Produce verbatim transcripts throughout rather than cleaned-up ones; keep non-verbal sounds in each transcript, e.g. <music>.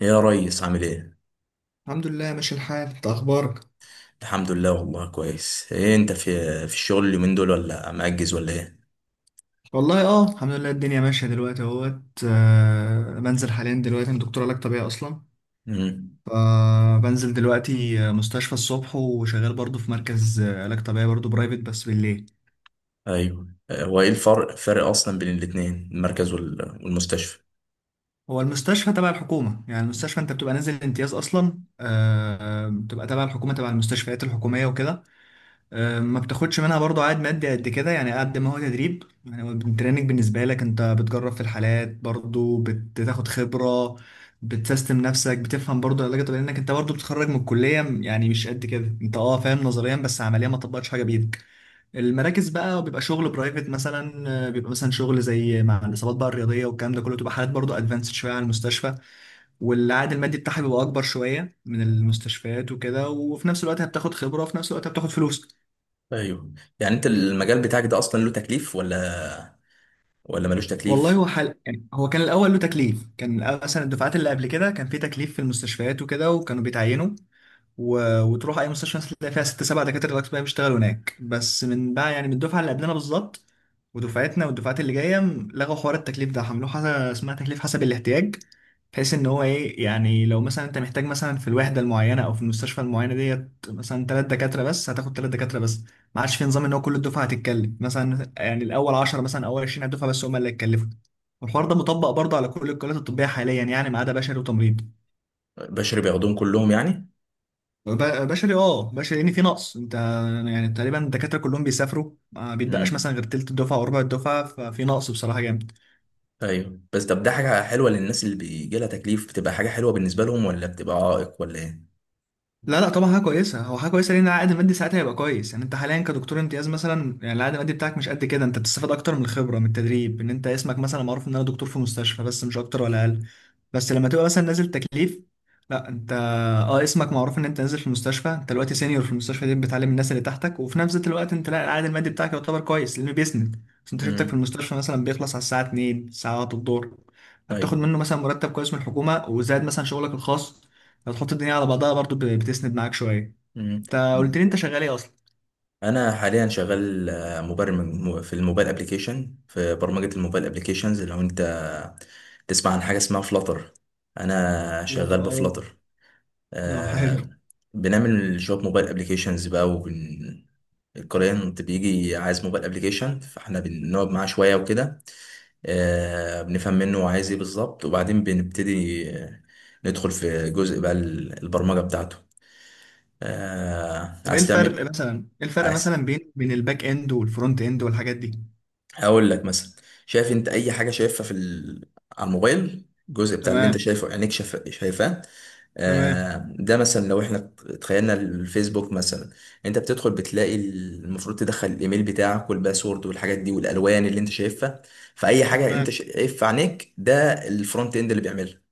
يا ريس، عامل ايه؟ الحمد لله ماشي الحال، انت اخبارك؟ الحمد لله، والله كويس. ايه انت في في الشغل اليومين دول ولا مأجز ولا ايه؟ والله اه الحمد لله الدنيا ماشيه دلوقتي اهوت. آه، بنزل حاليا دلوقتي، انا دكتور علاج طبيعي اصلا. امم. فبنزل دلوقتي آه، مستشفى الصبح، وشغال برضو في مركز آه، علاج طبيعي برضو برايفت بس بالليل. ايوه. آه، هو ايه الفرق فرق اصلا بين الاتنين، المركز وال- والمستشفى؟ هو المستشفى تبع الحكومه، يعني المستشفى انت بتبقى نازل امتياز اصلا، آه، آه، بتبقى تبع الحكومه، تبع المستشفيات الحكوميه وكده. آه، ما بتاخدش منها برضو عائد مادي قد كده، يعني قد ما هو تدريب. يعني هو التريننج بالنسبة لك، انت بتجرب في الحالات برضو، بتاخد خبرة، بتسيستم نفسك، بتفهم برضو العلاج الطبيعي، لانك انت برضو بتتخرج من الكلية يعني مش قد كده، انت اه فاهم نظريا بس عمليا ما طبقتش حاجة بإيدك. المراكز بقى بيبقى شغل برايفت مثلا، آه، بيبقى مثلا شغل زي مع الاصابات بقى الرياضية والكلام ده كله، تبقى حالات برضو ادفانسد شوية عن المستشفى. والعائد المادي بتاعها بيبقى اكبر شوية من المستشفيات وكده، وفي نفس الوقت هبتاخد خبرة، وفي نفس الوقت هبتاخد فلوس. ايوه، يعني انت المجال بتاعك ده اصلا له تكليف ولا ولا ملوش والله تكليف؟ هو حل... يعني هو كان الاول له تكليف، كان مثلا الدفعات اللي قبل كده كان في تكليف في المستشفيات وكده، وكانوا بيتعينوا، و... وتروح اي مستشفى مثلاً تلاقي فيها ست سبع دكاتره الاطباء بيشتغلوا هناك. بس من بقى، يعني من الدفعه اللي قبلنا بالظبط ودفعتنا والدفعات اللي جايه، م- لغوا حوار التكليف ده، عملوه حاجه اسمها تكليف حسب الاحتياج، بحيث ان هو ايه، يعني لو مثلا انت محتاج مثلا في الوحده المعينه او في المستشفى المعينه ديت مثلا ثلاث دكاتره بس، هتاخد ثلاث دكاتره بس. ما عادش في نظام ان هو كل الدفعه هتتكلم مثلا. يعني الاول عشرة مثلا، اول عشرين على الدفعه بس هم اللي هيتكلفوا. والحوار ده مطبق برضه على كل الكليات الطبيه حاليا، يعني ما عدا بشري وتمريض. بشري بياخدوهم كلهم يعني؟ ب- بشري اه بشري لان في نقص. انت يعني تقريبا الدكاتره كلهم بيسافروا، ما بيتبقاش مثلا امم. غير تلت الدفعه او ربع الدفعه، ففي نقص بصراحه جامد. ايوه بس، طب ده حاجة حلوة للناس اللي بيجي لها تكليف؟ بتبقى حاجة حلوة بالنسبة لهم ولا بتبقى عائق ولا ايه؟ لا لا طبعا حاجه كويسه، هو حاجه كويسه، لان العائد المادي ساعتها هيبقى كويس. يعني انت حاليا كدكتور امتياز مثلا، يعني العائد المادي بتاعك مش قد كده، انت بتستفاد اكتر من الخبره من التدريب، ان انت اسمك مثلا معروف ان انا دكتور في مستشفى بس، مش اكتر ولا اقل. بس لما تبقى مثلا نازل تكليف، لا انت اه اسمك معروف ان انت نازل في المستشفى، انت دلوقتي سينيور في المستشفى دي، بتعلم الناس اللي تحتك، وفي نفس الوقت انت، لا، العائد المادي بتاعك يعتبر كويس، لانه بيسند. بس انت شفتك في امم. المستشفى مثلا بيخلص على الساعه اتنين الساعه واحده الظهر، فبتاخد ايوه. منه مثلا مرتب كويس من الحكومه، وزائد مثلا شغلك الخاص، لو تحط الدنيا على بعضها برضو ب- بتسند معاك شويه. امم. انت قلت لي انت شغال ايه اصلا؟ انا حاليا شغال آه، مبرمج، م- في الموبايل ابلكيشن، في برمجه الموبايل ابلكيشنز. لو انت تسمع عن حاجه اسمها فلاتر، انا فلاتر، شغال اه بفلاتر. اه حلو. آه. بنعمل شويه موبايل ابلكيشنز بقى، وبن الكلاينت بيجي عايز موبايل ابلكيشن، فاحنا بنقعد معاه شويه وكده. آه بنفهم منه هو عايز ايه بالظبط، وبعدين بنبتدي آه، ندخل في جزء بقى ال- البرمجه بتاعته. آه طب ايه عايز الفرق مثلا، ايه الفرق تعمل مثلا بين بين الباك اند والفرونت اند والحاجات دي؟ هقول لك مثلا. شايف انت اي حاجه شايفها في ال... على الموبايل؟ الجزء بتاع اللي انت تمام. شايفه عينيك شاف... شايفاه. تمام. آه ده مثلا لو احنا تخيلنا الفيسبوك مثلا، انت بتدخل بتلاقي المفروض تدخل الايميل بتاعك والباسورد والحاجات دي، والالوان اللي انت شايفها، فاي حاجه انت تمام. شايف في عينيك ده الفرونت اند اللي بيعملها.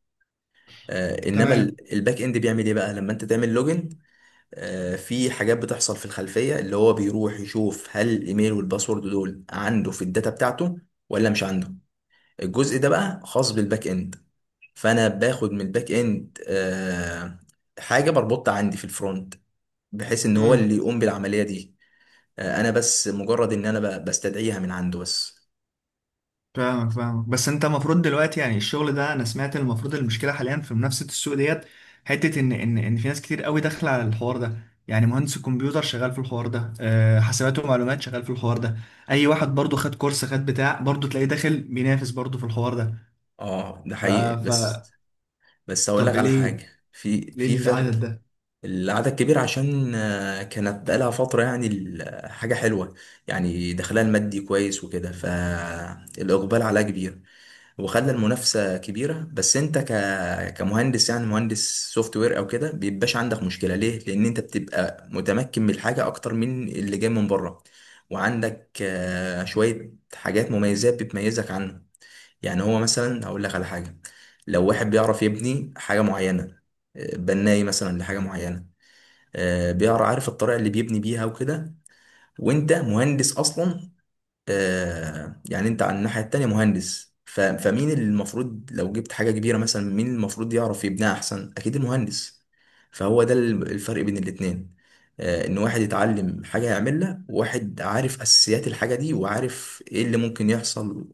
آه انما تمام. ال- الباك اند بيعمل ايه بقى لما انت تعمل لوجن؟ آه، في حاجات بتحصل في الخلفية، اللي هو بيروح يشوف هل الايميل والباسورد دول عنده في الداتا بتاعته ولا مش عنده. الجزء ده بقى خاص بالباك اند، فانا باخد من الباك اند آه، حاجة بربطها عندي في الفرونت، بحيث ان هو امم. اللي يقوم بالعملية دي. آه، انا بس مجرد ان انا ب- بستدعيها من عنده بس. فاهمك فاهمك، بس انت المفروض دلوقتي، يعني الشغل ده، انا سمعت المفروض المشكله حاليا في منافسه السوق ديت، حته ان ان ان في ناس كتير قوي داخله على الحوار ده. يعني مهندس الكمبيوتر شغال في الحوار ده، آه، حسابات ومعلومات شغال في الحوار ده، اي واحد برضو خد كورس، خد بتاع برضو، تلاقيه داخل بينافس برضو في الحوار ده. اه، ده ف... حقيقي بس. ف... بس هقول طب لك على ليه، حاجة، في في ليه فرق. العدد ده؟ العدد كبير عشان آه، كانت بقالها فترة، يعني ال- حاجة حلوة، يعني دخلها المادي كويس وكده، فالإقبال عليها كبير، وخلى المنافسة كبيرة. بس أنت ك... كمهندس، يعني مهندس سوفت وير أو كده، بيبقاش عندك مشكلة. ليه؟ لأن أنت بتبقى متمكن من الحاجة أكتر من اللي جاي من بره، وعندك آه، شوية حاجات، مميزات بتميزك عنه. يعني هو مثلا هقول لك على حاجة. لو واحد بيعرف يبني حاجة معينة، آه، بناي مثلا لحاجه معينه، آه، بيقرا عارف الطريقه اللي بيبني بيها وكده، وانت مهندس اصلا، آه، يعني انت على الناحيه التانيه مهندس، ف- فمين اللي المفروض لو جبت حاجه كبيره مثلا مين المفروض يعرف يبنيها احسن؟ اكيد المهندس. فهو ده ال- الفرق بين الاتنين. آه، ان واحد يتعلم حاجه يعملها، وواحد عارف اساسيات الحاجه دي وعارف ايه اللي ممكن يحصل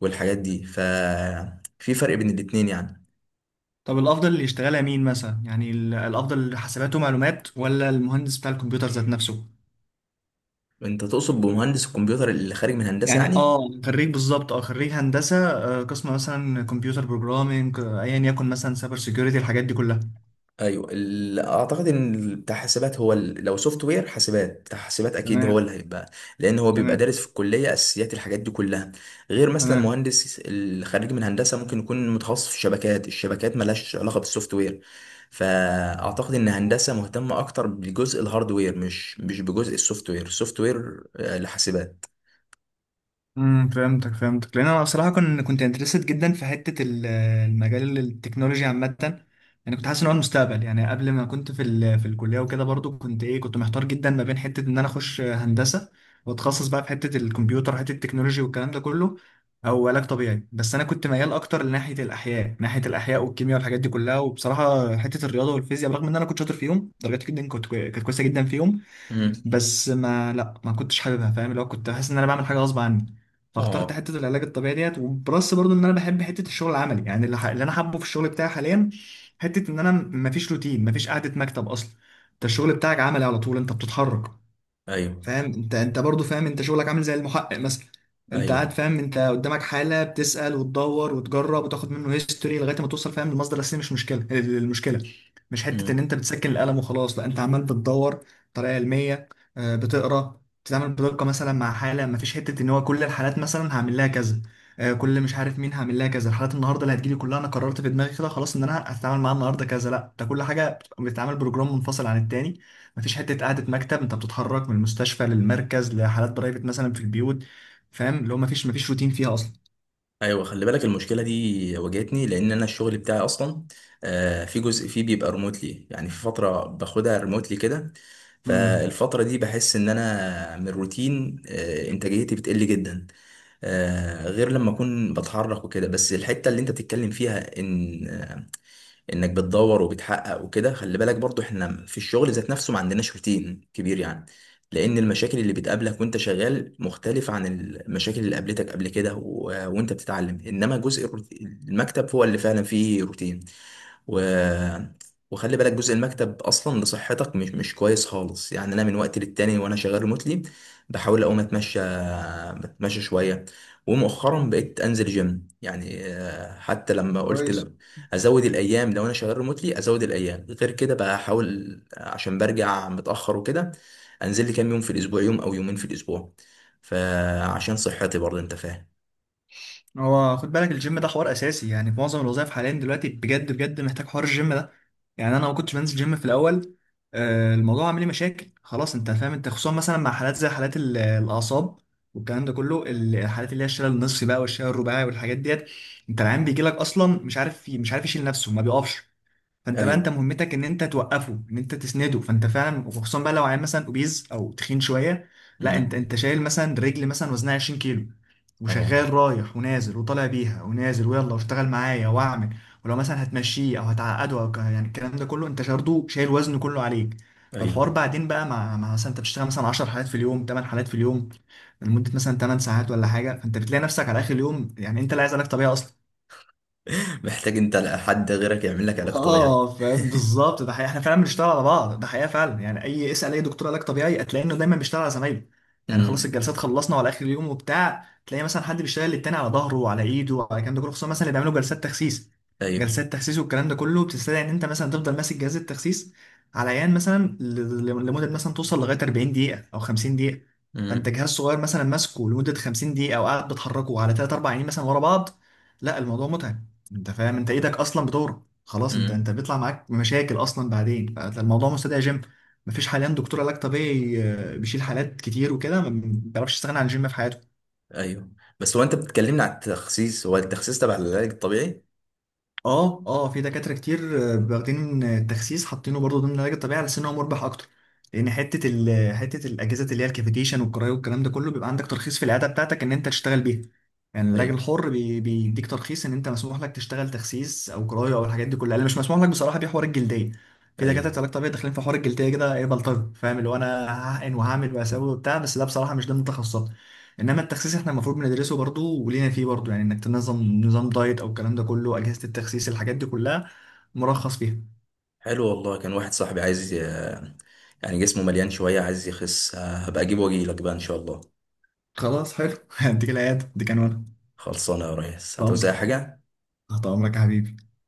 والحاجات دي، ففي فرق بين الاتنين يعني. طب الافضل اللي يشتغلها مين مثلا؟ يعني ال- الافضل حسابات ومعلومات ولا المهندس بتاع الكمبيوتر ذات نفسه؟ انت تقصد بمهندس الكمبيوتر اللي خارج من هندسه يعني يعني؟ اه، خريج بالظبط، اه خريج هندسه، آه، قسم مثلا كمبيوتر بروجرامينج، ايا يكن، مثلا سايبر سيكيورتي، الحاجات دي كلها. ايوه، ال- اعتقد ان ال- بتاع حاسبات هو ال- لو سوفت وير حاسبات، بتاع حاسبات اكيد هو اللي تمام. هيبقى، لان هو بيبقى تمام. دارس في الكليه اساسيات الحاجات دي كلها. غير مثلا تمام. مهندس الخريج من هندسه ممكن يكون متخصص في الشبكات. الشبكات ملهاش علاقه بالسوفت وير، فاعتقد ان هندسه مهتمه اكتر بجزء الهاردوير، مش مش بجزء السوفت وير السوفت وير آه، لحاسبات. امم. فهمتك فهمتك، لان انا بصراحه كنت كنت انترستد جدا في حته ال- المجال التكنولوجي عامه. يعني كنت حاسس ان هو المستقبل. يعني قبل ما كنت في ال- في الكليه وكده، برضو كنت ايه، كنت محتار جدا ما بين حته ان انا اخش هندسه واتخصص بقى في حته الكمبيوتر، حته التكنولوجي والكلام ده كله، او علاج طبيعي. بس انا كنت ميال اكتر لناحيه الاحياء، ناحيه الاحياء والكيمياء والحاجات دي كلها. وبصراحه حته الرياضه والفيزياء، برغم ان انا كنت شاطر فيهم، درجاتي جدا كنت كوي- كانت كويسه جدا فيهم، امم. بس ما لا ما كنتش حاببها، فاهم، اللي هو كنت بحس ان انا بعمل حاجه غصب عني، فاخترت اه. حته العلاج الطبيعي ديت، وبلس برضو ان انا بحب حته الشغل العملي، يعني اللي, ح... اللي انا حابه في الشغل بتاعي حاليا، حته ان انا ما فيش روتين، ما فيش قعده مكتب اصلا. انت الشغل بتاعك عملي على طول، انت بتتحرك. ايوه، فاهم انت انت برضو فاهم، انت شغلك عامل زي المحقق مثلا. انت قاعد ايوه، فاهم، انت قدامك حالة بتسأل وتدور وتجرب وتاخد منه هيستوري لغاية ما توصل، فاهم، للمصدر الأساسي. مش مشكلة، المشكلة مش حتة ان انت بتسكن القلم وخلاص. لا، انت عمال بتدور بطريقة علمية، آه، بتقرا، بتتعامل بدقة مثلا مع حالة. ما فيش حتة ان هو كل الحالات مثلا هعمل لها كذا، آه، كل مش عارف مين هعمل لها كذا، الحالات النهارده اللي هتجيلي كلها انا قررت في دماغي كده خلاص ان انا هتعامل معاها النهارده كذا. لا، ده كل حاجة بتتعامل بروجرام منفصل عن التاني. مفيش حته قعده مكتب، انت بتتحرك من المستشفى للمركز لحالات برايفت مثلا في البيوت. فاهم، اللي هو مفيش مفيش روتين فيها اصلا. ايوه، خلي بالك، المشكله دي واجهتني، لان انا الشغل بتاعي اصلا آه، في جزء فيه بيبقى ريموتلي، يعني في فتره باخدها ريموتلي كده، امم. فالفتره دي بحس ان انا من الروتين آه، انتاجيتي بتقل جدا، آه، غير لما اكون بتحرك وكده. بس الحته اللي انت بتتكلم فيها، ان انك بتدور وبتحقق وكده، خلي بالك برضو احنا في الشغل ذات نفسه ما عندناش روتين كبير يعني، لان المشاكل اللي بتقابلك وانت شغال مختلفة عن المشاكل اللي قابلتك قبل كده، و... وانت بتتعلم. انما جزء الروت- المكتب هو اللي فعلا فيه روتين، و... وخلي بالك جزء المكتب اصلا لصحتك مش مش كويس خالص. يعني انا من وقت للتاني وانا شغال ريموتلي بحاول اقوم اتمشى، اتمشى شويه. ومؤخرا بقيت انزل جيم، يعني آه، حتى لما كويس. قلت ازود الايام، لو انا شغال ريموتلي ازود الايام غير كده بقى، احاول عشان برجع متاخر وكده انزل لي كام يوم في الاسبوع، يوم او يومين في الاسبوع، فعشان صحتي برضه، انت فاهم. هو خد بالك، الجيم ده حوار اساسي، يعني في معظم الوظائف حاليا دلوقتي، بجد بجد، محتاج حوار الجيم ده. يعني انا ما كنتش بنزل جيم في الاول، آه، الموضوع عامل لي مشاكل. خلاص، انت فاهم، انت خصوصا مثلا مع حالات زي حالات ال- الاعصاب والكلام ده كله، الحالات اللي هي الشلل النصفي بقى والشلل الرباعي والحاجات ديت. انت العيان بيجي لك اصلا مش عارف، مش عارف يشيل نفسه، ما بيقفش. فانت بقى، انت ايوه. مهمتك ان انت توقفه، ان انت تسنده، فانت فعلا، وخصوصا بقى لو عيل مثلا اوبيز او تخين شويه، لا، انت امم. انت شايل مثلا رجل مثلا وزنها عشرين كيلو، اه. وشغال رايح ونازل وطالع بيها ونازل، ويلا واشتغل معايا واعمل. ولو مثلا هتمشيه او هتعقده او ك- يعني الكلام ده كله انت برضه شايل وزنه كله عليك. ايوه. فالحوار بعدين بقى مع مع مثلا انت بتشتغل مثلا عشر حالات في اليوم، ثماني حالات في اليوم، لمده مثلا ثماني ساعات ولا حاجه، فانت بتلاقي نفسك على اخر اليوم، يعني انت لا، عايز لك طبيعي اصلا. <laughs> محتاج انت حد غيرك يعمل لك علاج طبيعي. اه فاهم بالظبط، ده حقيقة احنا فعلا بنشتغل على بعض، ده حقيقة فعلا. يعني اي، اسأل اي دكتور علاج طبيعي هتلاقي انه دايما بيشتغل على زمايله. يعني خلاص امم. الجلسات خلصنا، وعلى اخر اليوم وبتاع، تلاقي مثلا حد بيشتغل للتاني على ظهره وعلى ايده وعلى الكلام ده كله. خصوصا مثلا اللي بيعملوا جلسات تخسيس، ايوه. جلسات تخسيس والكلام ده كله، بتستدعي ان انت مثلا تفضل ماسك جهاز التخسيس على عيان مثلا ل- ل- لمدة مثلا توصل لغاية اربعين دقيقة او خمسين دقيقة. فانت امم. جهاز صغير مثلا ماسكه لمدة خمسين دقيقة، او قاعد بتحركه على ثلاثة اربعة عيانين مثلا ورا بعض. لا الموضوع متعب، انت فاهم، انت ايدك اصلا خلاص، انت انت امم. بيطلع معاك مشاكل اصلا بعدين، فالموضوع مستدعي جيم. مفيش حاليا دكتور علاج طبيعي آه، بيشيل حالات كتير وكده ما بيعرفش يستغنى عن الجيم في حياته. ايوه بس، هو انت بتكلمني على التخسيس، هو التخسيس تبع العلاج الطبيعي؟ اه اه في دكاتره كتير آه، واخدين التخسيس حاطينه برضه ضمن العلاج الطبيعي على سن هو مربح اكتر. لان حته ال حته الاجهزه اللي هي الكافيتيشن والكرايو والكلام ده كله، بيبقى عندك ترخيص في العياده بتاعتك ان انت تشتغل بيها. يعني العلاج ايوه. الحر بي- بيديك ترخيص ان انت مسموح لك تشتغل تخسيس او كرايه او الحاجات دي كلها، اللي مش مسموح لك بصراحه دي حوار الجلديه. في ايوه. دكاتره علاج طبيعي داخلين في حوار الجلديه، كده ايه، بلطجه، فاهم، اللي هو انا هحقن وهعمل وهسوي وبتاع، بس ده بصراحه مش ضمن تخصصات. انما التخسيس احنا المفروض بندرسه برضو ولينا فيه برضو، يعني انك تنظم نظام دايت او الكلام ده كله، اجهزه التخسيس الحاجات دي كلها مرخص فيها. حلو والله. كان واحد صاحبي عايز ي- يعني جسمه مليان شوية، عايز يخس، آه، هبقى اجيبه واجيلك بقى ان شاء الله. خلاص حلو <laughs> هديك العيادة دي كان وانا. خلصانة يا ريس، تأمر. هتوزع حاجة. تحت امرك يا حبيبي.